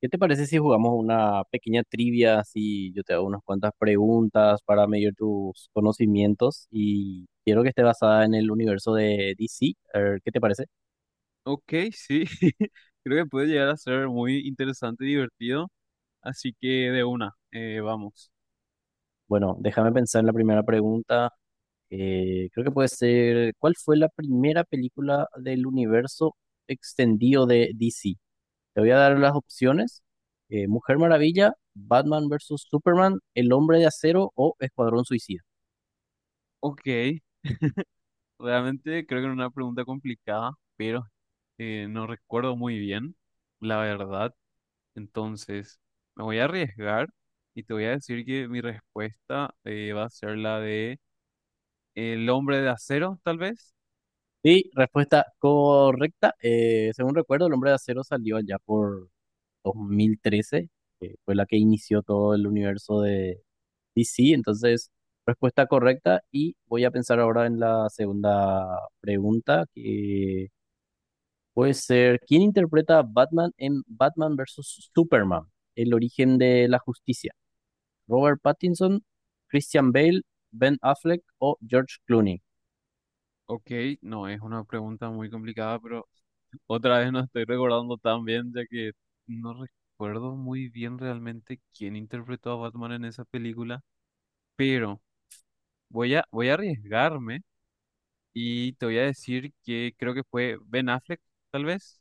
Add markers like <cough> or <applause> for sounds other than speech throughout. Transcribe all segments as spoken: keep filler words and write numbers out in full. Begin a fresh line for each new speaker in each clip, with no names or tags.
¿Qué te parece si jugamos una pequeña trivia? Si yo te hago unas cuantas preguntas para medir tus conocimientos y quiero que esté basada en el universo de D C. A ver, ¿qué te parece?
Ok, sí, <laughs> creo que puede llegar a ser muy interesante y divertido, así que de una, eh, vamos.
Bueno, déjame pensar en la primera pregunta. Eh, creo que puede ser, ¿cuál fue la primera película del universo extendido de D C? Te voy a dar las opciones. eh, Mujer Maravilla, Batman versus. Superman, El Hombre de Acero o Escuadrón Suicida.
Ok, realmente creo que era una pregunta complicada, pero eh, no recuerdo muy bien, la verdad. Entonces, me voy a arriesgar y te voy a decir que mi respuesta eh, va a ser la de el hombre de acero, tal vez.
Sí, respuesta correcta. Eh, según recuerdo, el Hombre de Acero salió allá por dos mil trece, que fue la que inició todo el universo de D C. Entonces, respuesta correcta. Y voy a pensar ahora en la segunda pregunta, que puede ser, ¿quién interpreta a Batman en Batman versus. Superman? El origen de la justicia. ¿Robert Pattinson, Christian Bale, Ben Affleck o George Clooney?
Ok, no, es una pregunta muy complicada, pero otra vez no estoy recordando tan bien, ya que no recuerdo muy bien realmente quién interpretó a Batman en esa película, pero voy a, voy a arriesgarme y te voy a decir que creo que fue Ben Affleck, tal vez.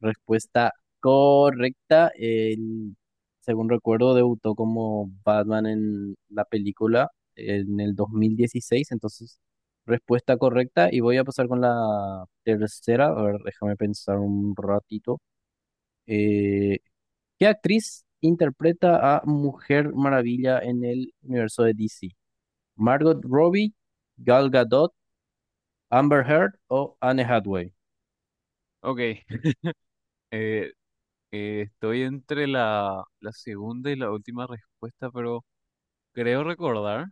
Respuesta correcta. Él, según recuerdo, debutó como Batman en la película en el dos mil dieciséis. Entonces, respuesta correcta. Y voy a pasar con la tercera. A ver, déjame pensar un ratito. Eh, ¿qué actriz interpreta a Mujer Maravilla en el universo de D C? ¿Margot Robbie, Gal Gadot, Amber Heard o Anne Hathaway?
Ok, <laughs> eh, eh, estoy entre la, la segunda y la última respuesta, pero creo recordar,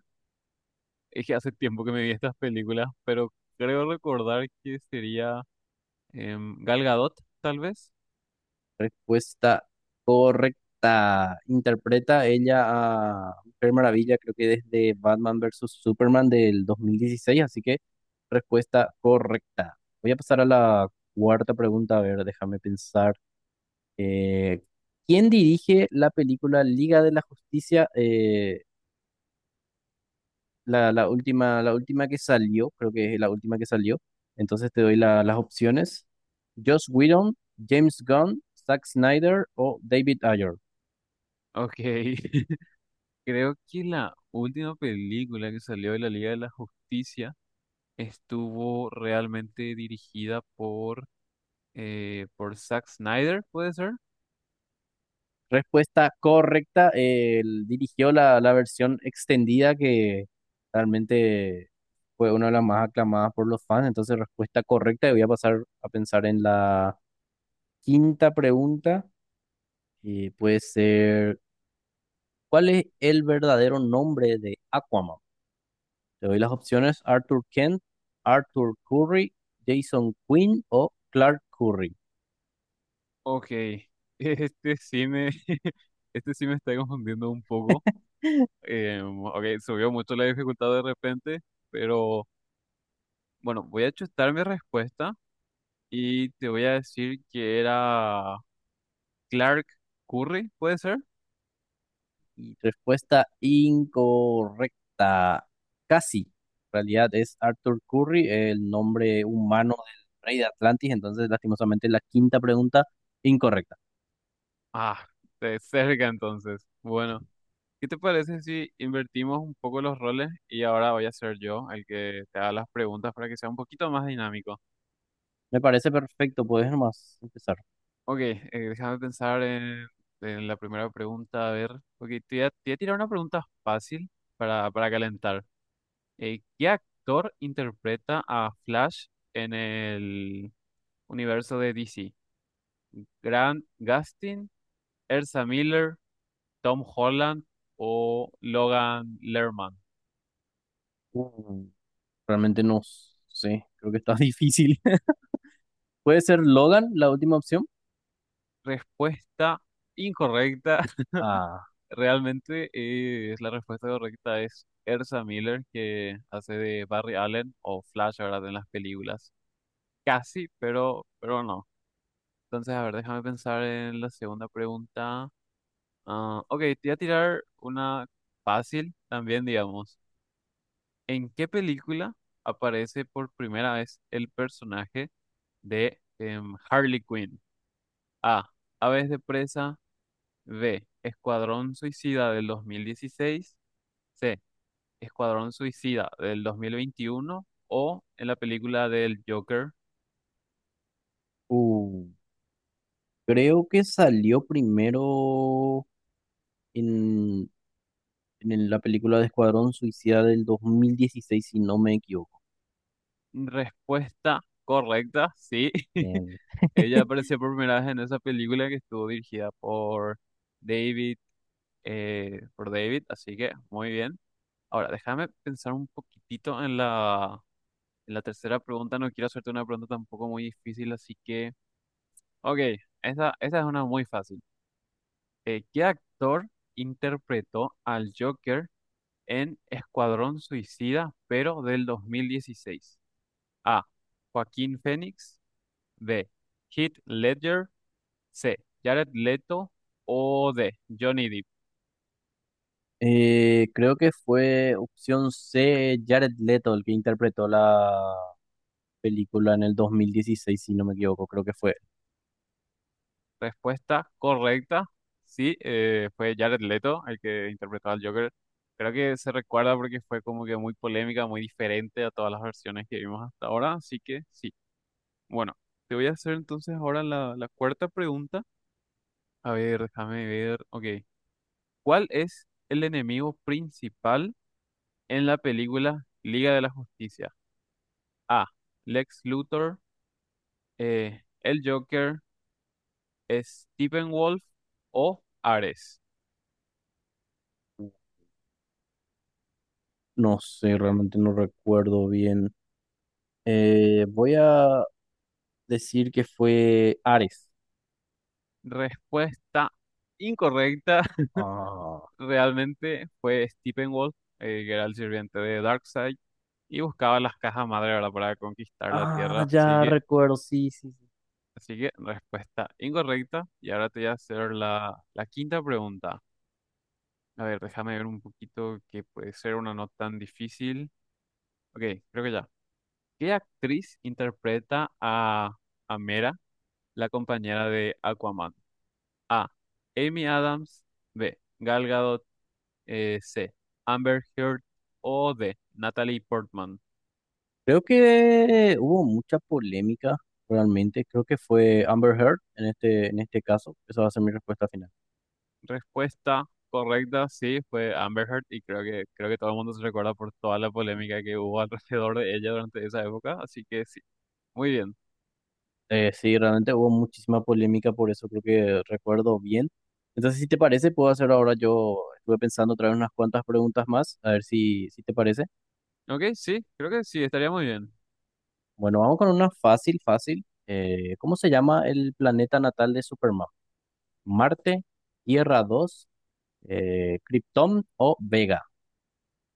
es que hace tiempo que me vi estas películas, pero creo recordar que sería em, Gal Gadot, tal vez.
Respuesta correcta. Interpreta ella a Mujer Maravilla, creo que desde Batman versus Superman del dos mil dieciséis, así que respuesta correcta. Voy a pasar a la cuarta pregunta, a ver, déjame pensar. Eh, ¿quién dirige la película Liga de la Justicia? Eh, la, la última, la última que salió, creo que es la última que salió. Entonces te doy la- las opciones. Joss Whedon, James Gunn, Zack Snyder o David Ayer.
Ok. <laughs> Creo que la última película que salió de la Liga de la Justicia estuvo realmente dirigida por, eh, por Zack Snyder, ¿puede ser?
Respuesta correcta. eh, Él dirigió la, la versión extendida que realmente fue una de las más aclamadas por los fans. Entonces, respuesta correcta. Y voy a pasar a pensar en la quinta pregunta. Y puede ser, ¿cuál es el verdadero nombre de Aquaman? Te doy las opciones: Arthur Kent, Arthur Curry, Jason Quinn o Clark Curry.
Ok, <laughs> este sí me, <laughs> este sí me está confundiendo un poco. Eh, ok, subió mucho la dificultad de repente, pero bueno, voy a chutar mi respuesta y te voy a decir que era Clark Curry, ¿puede ser?
Y respuesta incorrecta. Casi. En realidad es Arthur Curry, el nombre humano del rey de Atlantis. Entonces, lastimosamente, la quinta pregunta incorrecta.
Ah, de cerca entonces. Bueno. ¿Qué te parece si invertimos un poco los roles y ahora voy a ser yo el que te haga las preguntas para que sea un poquito más dinámico?
Me parece perfecto. Puedes nomás empezar.
Ok, eh, déjame pensar en, en la primera pregunta. A ver, ok, te voy a, te voy a tirar una pregunta fácil para, para calentar. Eh, ¿qué actor interpreta a Flash en el universo de D C? ¿Grant Gustin, Ezra Miller, Tom Holland o Logan Lerman?
Mm, Realmente no sé. Creo que está <laughs> difícil. ¿Puede ser Logan la última opción?
Respuesta incorrecta.
Ah,
Realmente eh, es la respuesta correcta es Ersa Miller, que hace de Barry Allen o Flash, ¿verdad? En las películas. Casi, pero, pero no. Entonces, a ver, déjame pensar en la segunda pregunta. Ah, ok, te voy a tirar una fácil también, digamos. ¿En qué película aparece por primera vez el personaje de em, Harley Quinn? A. Aves de presa. B. Escuadrón Suicida del dos mil dieciséis. C. Escuadrón Suicida del dos mil veintiuno, o en la película del Joker.
uh, creo que salió primero en, en el- la película de Escuadrón Suicida del dos mil dieciséis, si no me equivoco.
Respuesta correcta, sí. <laughs>
Bien,
Ella apareció por primera vez en esa película que estuvo dirigida por David, eh, por David, así que muy bien. Ahora, déjame pensar un poquitito en la, en la tercera pregunta. No quiero hacerte una pregunta tampoco muy difícil, así que... Ok, esa, esa es una muy fácil. Eh, ¿qué actor interpretó al Joker en Escuadrón Suicida, pero del dos mil dieciséis? A. Joaquín Phoenix. B. Heath Ledger. C. Jared Leto. O D. Johnny Depp.
Eh, creo que fue opción C, Jared Leto, el que interpretó la película en el dos mil dieciséis, si no me equivoco, creo que fue.
Respuesta correcta. Sí, eh, fue Jared Leto el que interpretó al Joker. Creo que se recuerda porque fue como que muy polémica, muy diferente a todas las versiones que vimos hasta ahora. Así que sí. Bueno, te voy a hacer entonces ahora la, la cuarta pregunta. A ver, déjame ver. Ok. ¿Cuál es el enemigo principal en la película Liga de la Justicia? A. Lex Luthor, eh, el Joker, Stephen Wolf o Ares.
No sé, realmente no recuerdo bien. Eh, voy a decir que fue Ares.
Respuesta incorrecta. <laughs>
Ah,
Realmente fue Stephen Wolf, eh, que era el sirviente de Darkseid y buscaba las cajas madre, ¿verdad?, para conquistar la
ah,
Tierra. Así
ya
que,
recuerdo, sí, sí, sí.
así que respuesta incorrecta. Y ahora te voy a hacer la, la quinta pregunta. A ver, déjame ver un poquito que puede ser una no tan difícil. Ok, creo que ya. ¿Qué actriz interpreta a, a Mera, la compañera de Aquaman? A. Amy Adams. B. Gal Gadot. eh, C. Amber Heard. O D. Natalie Portman.
Creo que hubo mucha polémica, realmente. Creo que fue Amber Heard en este, en este caso. Esa va a ser mi respuesta final.
Respuesta correcta, sí, fue Amber Heard. Y creo que, creo que todo el mundo se recuerda por toda la polémica que hubo <laughs> alrededor de ella durante esa época. Así que sí, muy bien.
Eh, sí, realmente hubo muchísima polémica por eso, creo que recuerdo bien. Entonces, si te parece, puedo hacer ahora yo, estuve pensando traer unas cuantas preguntas más, a ver si, si te parece.
Ok, sí, creo que sí, estaría muy bien.
Bueno, vamos con una fácil, fácil. Eh, ¿cómo se llama el planeta natal de Superman? ¿Marte, Tierra dos eh, Krypton o Vega?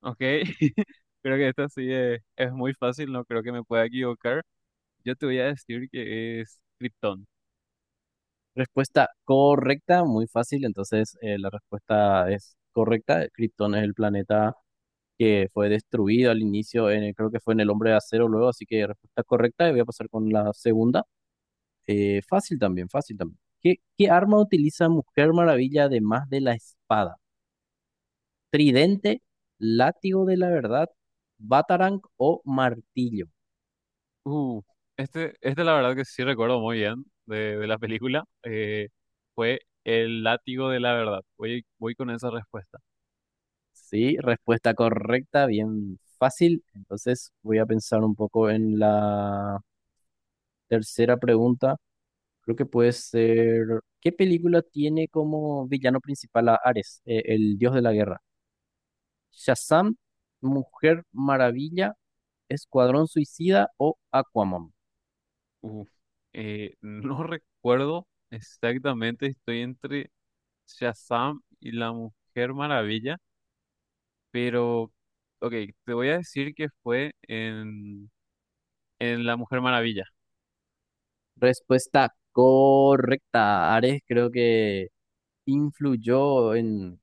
Ok, <laughs> creo que esta sí es, es muy fácil, no creo que me pueda equivocar. Yo te voy a decir que es Krypton.
Respuesta correcta, muy fácil, entonces eh, la respuesta es correcta. Krypton es el planeta que fue destruido al inicio, en el- creo que fue en el Hombre de Acero luego, así que respuesta correcta, y voy a pasar con la segunda. Eh, fácil también, fácil también. ¿Qué, ¿qué arma utiliza Mujer Maravilla además de la espada? ¿Tridente, látigo de la verdad, batarang o martillo?
Uh, este, este la verdad que sí recuerdo muy bien de, de la película. Eh, fue el látigo de la verdad. Voy, voy con esa respuesta.
Sí, respuesta correcta, bien fácil. Entonces voy a pensar un poco en la tercera pregunta. Creo que puede ser. ¿Qué película tiene como villano principal a Ares, eh, el dios de la guerra? ¿Shazam, Mujer Maravilla, Escuadrón Suicida o Aquaman?
Uh, eh, no <laughs> recuerdo exactamente, estoy entre Shazam y la Mujer Maravilla, pero, ok, te voy a decir que fue en, en la Mujer Maravilla.
Respuesta correcta. Ares creo que influyó en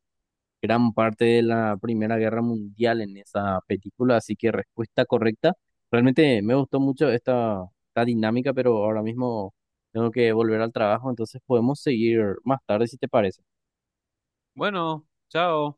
gran parte de la Primera Guerra Mundial en esa película, así que respuesta correcta. Realmente me gustó mucho esta, esta dinámica, pero ahora mismo tengo que volver al trabajo, entonces podemos seguir más tarde si te parece.
Bueno, chao.